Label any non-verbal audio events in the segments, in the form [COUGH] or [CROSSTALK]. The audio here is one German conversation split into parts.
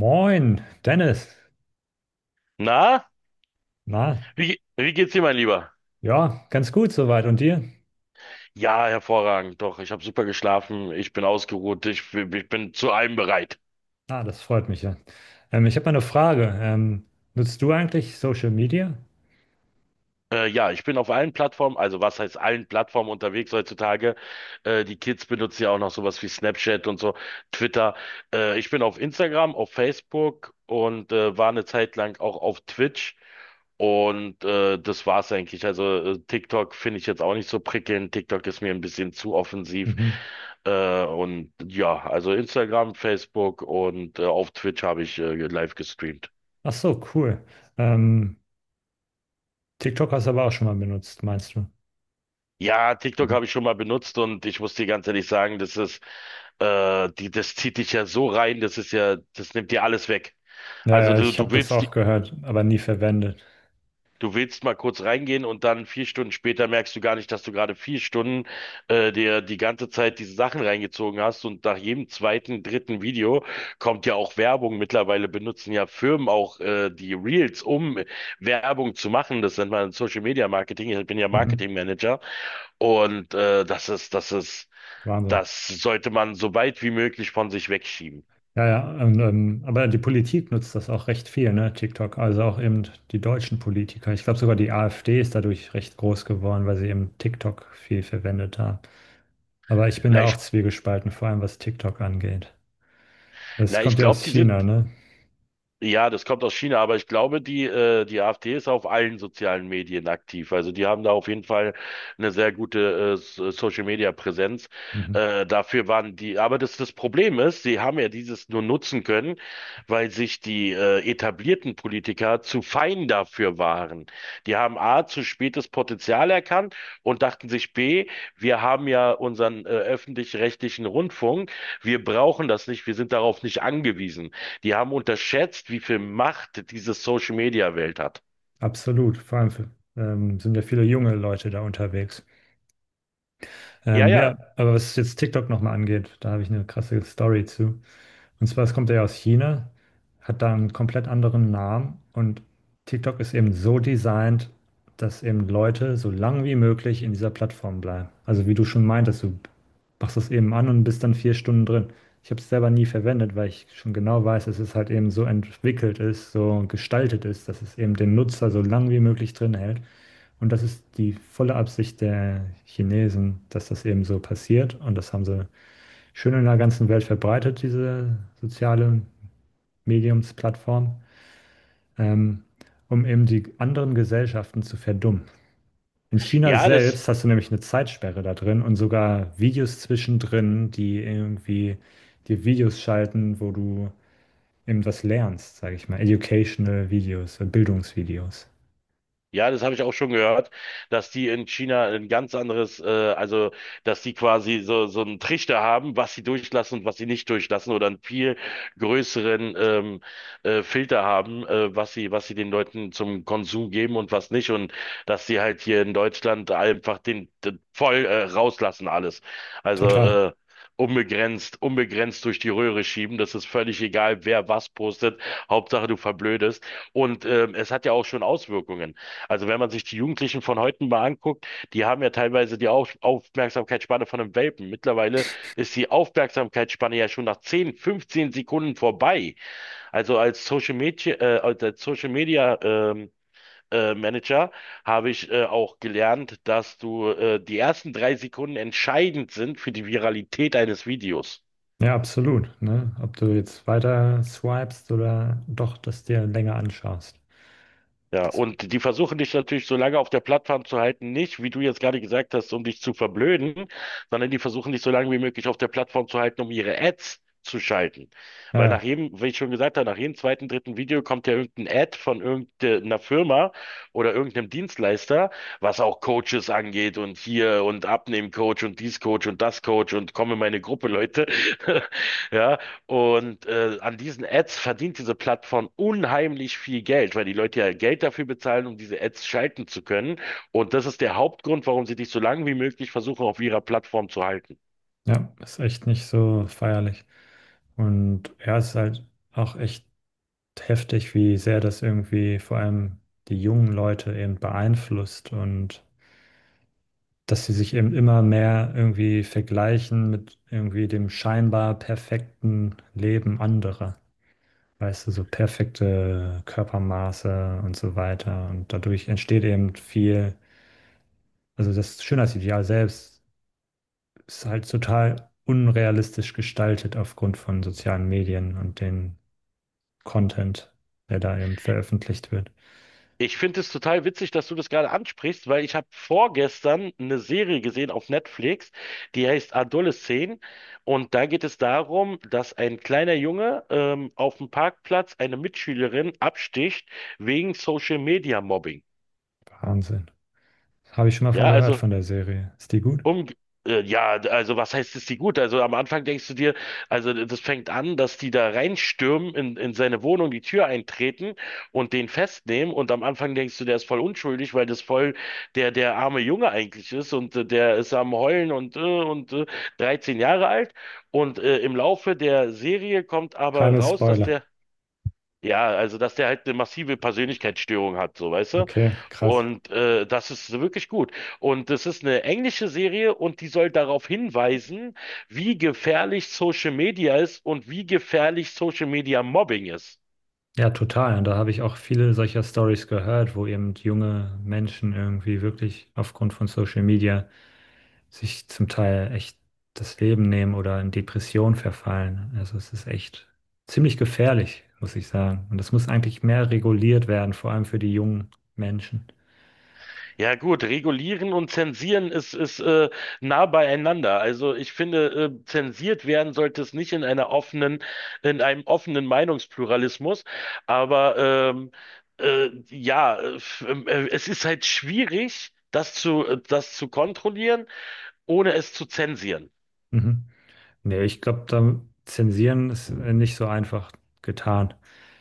Moin, Dennis. Na, Na, wie geht's dir, mein Lieber? ja, ganz gut soweit. Und dir? Ja, hervorragend. Doch, ich habe super geschlafen. Ich bin ausgeruht. Ich bin zu allem bereit. Ah, das freut mich ja. Ich habe mal eine Frage. Nutzt du eigentlich Social Media? Ja, ich bin auf allen Plattformen, also was heißt allen Plattformen unterwegs heutzutage. Die Kids benutzen ja auch noch sowas wie Snapchat und so, Twitter. Ich bin auf Instagram, auf Facebook und war eine Zeit lang auch auf Twitch. Und das war's eigentlich. Also TikTok finde ich jetzt auch nicht so prickelnd. TikTok ist mir ein bisschen zu offensiv. Mhm. Und ja, also Instagram, Facebook und auf Twitch habe ich live gestreamt. Ach so, cool. Ähm, TikTok hast du aber auch schon mal benutzt, meinst du? Ja, TikTok Mhm. habe ich schon mal benutzt und ich muss dir ganz ehrlich sagen, das zieht dich ja so rein, das nimmt dir alles weg. Ja, Also ja, du, ich habe du das willst, auch gehört, aber nie verwendet. du willst mal kurz reingehen und dann vier Stunden später merkst du gar nicht, dass du gerade vier Stunden dir die ganze Zeit diese Sachen reingezogen hast, und nach jedem zweiten, dritten Video kommt ja auch Werbung. Mittlerweile benutzen ja Firmen auch die Reels, um Werbung zu machen. Das nennt man Social Media Marketing. Ich bin ja Mhm. Marketing Manager und das ist Wahnsinn. das sollte man so weit wie möglich von sich wegschieben. Ja, ja. Und, aber die Politik nutzt das auch recht viel, ne? TikTok. Also auch eben die deutschen Politiker. Ich glaube sogar die AfD ist dadurch recht groß geworden, weil sie eben TikTok viel verwendet haben. Aber ich bin Na, da ich, auch zwiegespalten, vor allem was TikTok angeht. Es na, ich kommt ja glaube, aus die China, sind. ne? Ja, das kommt aus China, aber ich glaube, die AfD ist auf allen sozialen Medien aktiv. Also die haben da auf jeden Fall eine sehr gute Social-Media-Präsenz. Mhm. Dafür waren die, aber das Problem ist, sie haben ja dieses nur nutzen können, weil sich die etablierten Politiker zu fein dafür waren. Die haben A, zu spät das Potenzial erkannt und dachten sich B, wir haben ja unseren öffentlich-rechtlichen Rundfunk, wir brauchen das nicht, wir sind darauf nicht angewiesen. Die haben unterschätzt, wie viel Macht diese Social-Media-Welt hat. Absolut. Vor allem für, sind ja viele junge Leute da unterwegs. Ja, Ja, ja, aber was jetzt TikTok nochmal angeht, da habe ich eine krasse Story zu. Und zwar, es kommt ja aus China, hat da einen komplett anderen Namen und TikTok ist eben so designt, dass eben Leute so lang wie möglich in dieser Plattform bleiben. Also wie du schon meintest, du machst das eben an und bist dann 4 Stunden drin. Ich habe es selber nie verwendet, weil ich schon genau weiß, dass es halt eben so entwickelt ist, so gestaltet ist, dass es eben den Nutzer so lang wie möglich drin hält. Und das ist die volle Absicht der Chinesen, dass das eben so passiert. Und das haben sie schön in der ganzen Welt verbreitet, diese soziale Mediumsplattform, ähm, um eben die anderen Gesellschaften zu verdummen. In China ja, das, selbst hast du nämlich eine Zeitsperre da drin und sogar Videos zwischendrin, die irgendwie dir Videos schalten, wo du eben was lernst, sage ich mal. Educational Videos, Bildungsvideos. Ja, das habe ich auch schon gehört, dass die in China ein ganz anderes, also dass die quasi so einen Trichter haben, was sie durchlassen und was sie nicht durchlassen, oder einen viel größeren Filter haben, was sie den Leuten zum Konsum geben und was nicht, und dass sie halt hier in Deutschland einfach den voll rauslassen alles, also Total. Unbegrenzt durch die Röhre schieben, das ist völlig egal, wer was postet, Hauptsache du verblödest und es hat ja auch schon Auswirkungen. Also wenn man sich die Jugendlichen von heute mal anguckt, die haben ja teilweise die Aufmerksamkeitsspanne von einem Welpen. Mittlerweile ist die Aufmerksamkeitsspanne ja schon nach 10, 15 Sekunden vorbei. Also als Social Media Manager habe ich auch gelernt, dass du, die ersten drei Sekunden, entscheidend sind für die Viralität eines Videos. Ja, absolut. Ne? Ob du jetzt weiter swipest oder doch dass dir länger anschaust. Ja, Das, und die versuchen dich natürlich so lange auf der Plattform zu halten, nicht, wie du jetzt gerade gesagt hast, um dich zu verblöden, sondern die versuchen dich so lange wie möglich auf der Plattform zu halten, um ihre Ads zu schalten. Weil nach naja, jedem, wie ich schon gesagt habe, nach jedem zweiten, dritten Video kommt ja irgendein Ad von irgendeiner Firma oder irgendeinem Dienstleister, was auch Coaches angeht, und hier und Abnehmen-Coach und dies Coach und das Coach und komm in meine Gruppe, Leute. [LAUGHS] Ja, und an diesen Ads verdient diese Plattform unheimlich viel Geld, weil die Leute ja Geld dafür bezahlen, um diese Ads schalten zu können. Und das ist der Hauptgrund, warum sie dich so lange wie möglich versuchen auf ihrer Plattform zu halten. ja, ist echt nicht so feierlich. Und ja, es ist halt auch echt heftig, wie sehr das irgendwie vor allem die jungen Leute eben beeinflusst und dass sie sich eben immer mehr irgendwie vergleichen mit irgendwie dem scheinbar perfekten Leben anderer. Weißt du, so perfekte Körpermaße und so weiter. Und dadurch entsteht eben viel, also das Schönheitsideal selbst ist halt total unrealistisch gestaltet aufgrund von sozialen Medien und den Content, der da eben veröffentlicht wird. Ich finde es total witzig, dass du das gerade ansprichst, weil ich habe vorgestern eine Serie gesehen auf Netflix, die heißt Adolescent. Und da geht es darum, dass ein kleiner Junge auf dem Parkplatz eine Mitschülerin absticht, wegen Social Media Mobbing. Wahnsinn. Habe ich schon mal von Ja, gehört also von der Serie. Ist die gut? Um, ja, also was heißt es die gut? Also am Anfang denkst du dir, also das fängt an, dass die da reinstürmen, in seine Wohnung, die Tür eintreten und den festnehmen. Und am Anfang denkst du, der ist voll unschuldig, weil das voll der arme Junge eigentlich ist, und der ist am Heulen und, 13 Jahre alt. Und im Laufe der Serie kommt aber Keine raus, dass Spoiler. der dass der halt eine massive Persönlichkeitsstörung hat, so, weißt du. Okay, krass. Und das ist wirklich gut. Und das ist eine englische Serie, und die soll darauf hinweisen, wie gefährlich Social Media ist und wie gefährlich Social Media Mobbing ist. Ja, total. Und da habe ich auch viele solcher Stories gehört, wo eben junge Menschen irgendwie wirklich aufgrund von Social Media sich zum Teil echt das Leben nehmen oder in Depression verfallen. Also es ist echt ziemlich gefährlich, muss ich sagen. Und das muss eigentlich mehr reguliert werden, vor allem für die jungen Menschen. Ja gut, regulieren und zensieren ist nah beieinander. Also ich finde, zensiert werden sollte es nicht, in einer offenen, in einem offenen Meinungspluralismus. Aber ähm, äh, es ist halt schwierig, das zu kontrollieren, ohne es zu zensieren. Mhm. Nee, ich glaube, da zensieren ist nicht so einfach getan.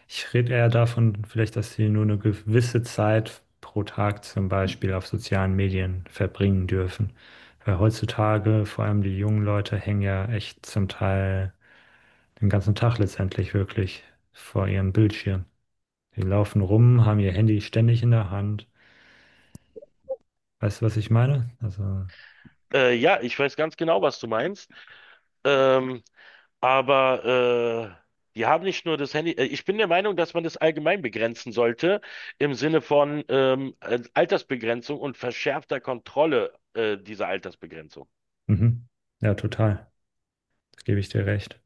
Ich rede eher davon, vielleicht, dass sie nur eine gewisse Zeit pro Tag zum Beispiel auf sozialen Medien verbringen dürfen. Weil heutzutage, vor allem die jungen Leute, hängen ja echt zum Teil den ganzen Tag letztendlich wirklich vor ihrem Bildschirm. Die laufen rum, haben ihr Handy ständig in der Hand. Weißt du, was ich meine? Also, Ja, ich weiß ganz genau, was du meinst. Ähm, Aber die haben nicht nur das Handy. Ich bin der Meinung, dass man das allgemein begrenzen sollte, im Sinne von Altersbegrenzung und verschärfter Kontrolle dieser Altersbegrenzung. mhm. Ja, total. Das gebe ich dir recht.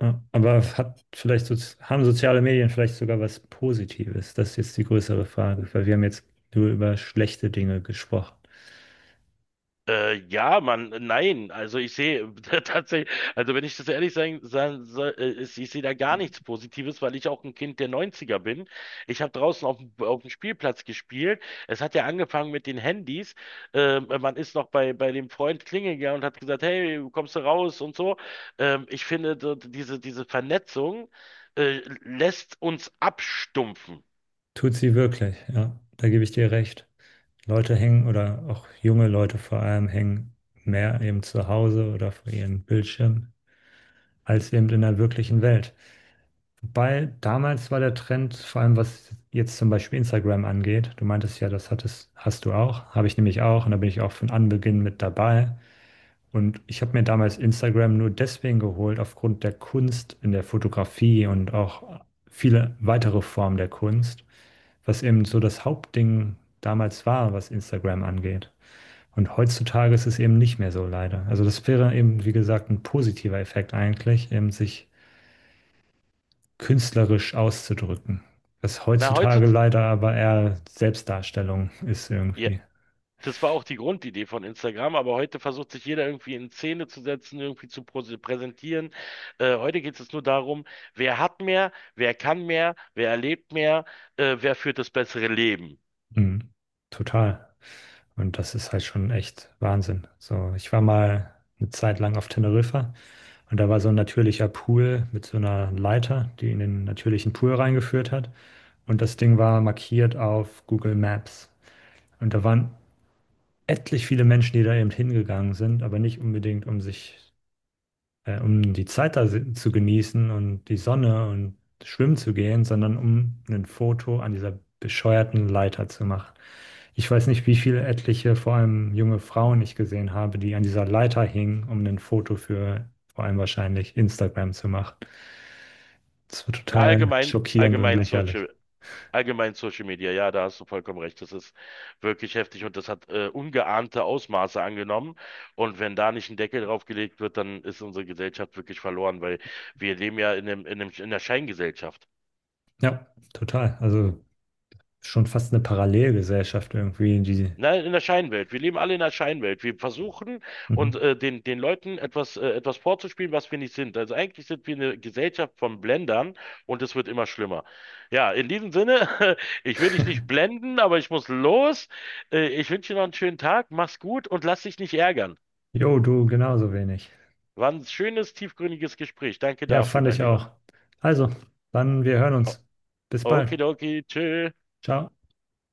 Ja, aber hat vielleicht haben soziale Medien vielleicht sogar was Positives? Das ist jetzt die größere Frage, weil wir haben jetzt nur über schlechte Dinge gesprochen. Nein, also ich sehe [LAUGHS] tatsächlich, also wenn ich das ehrlich sagen soll, ich sehe da gar nichts Positives, weil ich auch ein Kind der 90er bin. Ich habe draußen auf, auf dem Spielplatz gespielt. Es hat ja angefangen mit den Handys. Man ist noch bei dem Freund klingeln gegangen und hat gesagt, hey, kommst du raus und so. Ich finde, so diese Vernetzung lässt uns abstumpfen. Tut sie wirklich, ja, da gebe ich dir recht. Leute hängen oder auch junge Leute vor allem hängen mehr eben zu Hause oder vor ihren Bildschirmen als eben in der wirklichen Welt. Wobei damals war der Trend, vor allem was jetzt zum Beispiel Instagram angeht, du meintest ja, das hattest, hast du auch, habe ich nämlich auch und da bin ich auch von Anbeginn mit dabei. Und ich habe mir damals Instagram nur deswegen geholt, aufgrund der Kunst in der Fotografie und auch viele weitere Formen der Kunst, was eben so das Hauptding damals war, was Instagram angeht. Und heutzutage ist es eben nicht mehr so leider. Also das wäre eben, wie gesagt, ein positiver Effekt eigentlich, eben sich künstlerisch auszudrücken. Was Na, heutzutage heutzutage, leider aber eher Selbstdarstellung ist ja, irgendwie. das war auch die Grundidee von Instagram, aber heute versucht sich jeder irgendwie in Szene zu setzen, irgendwie zu präsentieren. Heute geht es nur darum, wer hat mehr, wer kann mehr, wer erlebt mehr, wer führt das bessere Leben. Mhm. Total. Und das ist halt schon echt Wahnsinn. So, ich war mal eine Zeit lang auf Teneriffa und da war so ein natürlicher Pool mit so einer Leiter, die in den natürlichen Pool reingeführt hat. Und das Ding war markiert auf Google Maps. Und da waren etlich viele Menschen, die da eben hingegangen sind, aber nicht unbedingt, um sich um die Zeit da zu genießen und die Sonne und schwimmen zu gehen, sondern um ein Foto an dieser bescheuerten Leiter zu machen. Ich weiß nicht, wie viele etliche, vor allem junge Frauen ich gesehen habe, die an dieser Leiter hingen, um ein Foto für vor allem wahrscheinlich Instagram zu machen. Das war Na, total allgemein, schockierend und allgemein lächerlich. Social, allgemein Social Media, ja, da hast du vollkommen recht. Das ist wirklich heftig, und das hat ungeahnte Ausmaße angenommen. Und wenn da nicht ein Deckel drauf gelegt wird, dann ist unsere Gesellschaft wirklich verloren, weil wir leben ja in einer Scheingesellschaft. Ja, total. Also schon fast eine Parallelgesellschaft irgendwie, die. Nein, in der Scheinwelt. Wir leben alle in der Scheinwelt. Wir versuchen und Mhm. Den Leuten etwas vorzuspielen, was wir nicht sind. Also eigentlich sind wir eine Gesellschaft von Blendern, und es wird immer schlimmer. Ja, in diesem Sinne, [LAUGHS] ich will dich nicht [LAUGHS] blenden, aber ich muss los. Ich wünsche dir noch einen schönen Tag. Mach's gut und lass dich nicht ärgern. Jo, du genauso wenig. War ein schönes, tiefgründiges Gespräch. Danke Ja, dafür, fand mein ich Lieber. auch. Also, dann wir hören O- uns. Bis bald. Okidoki, tschüss. Ciao.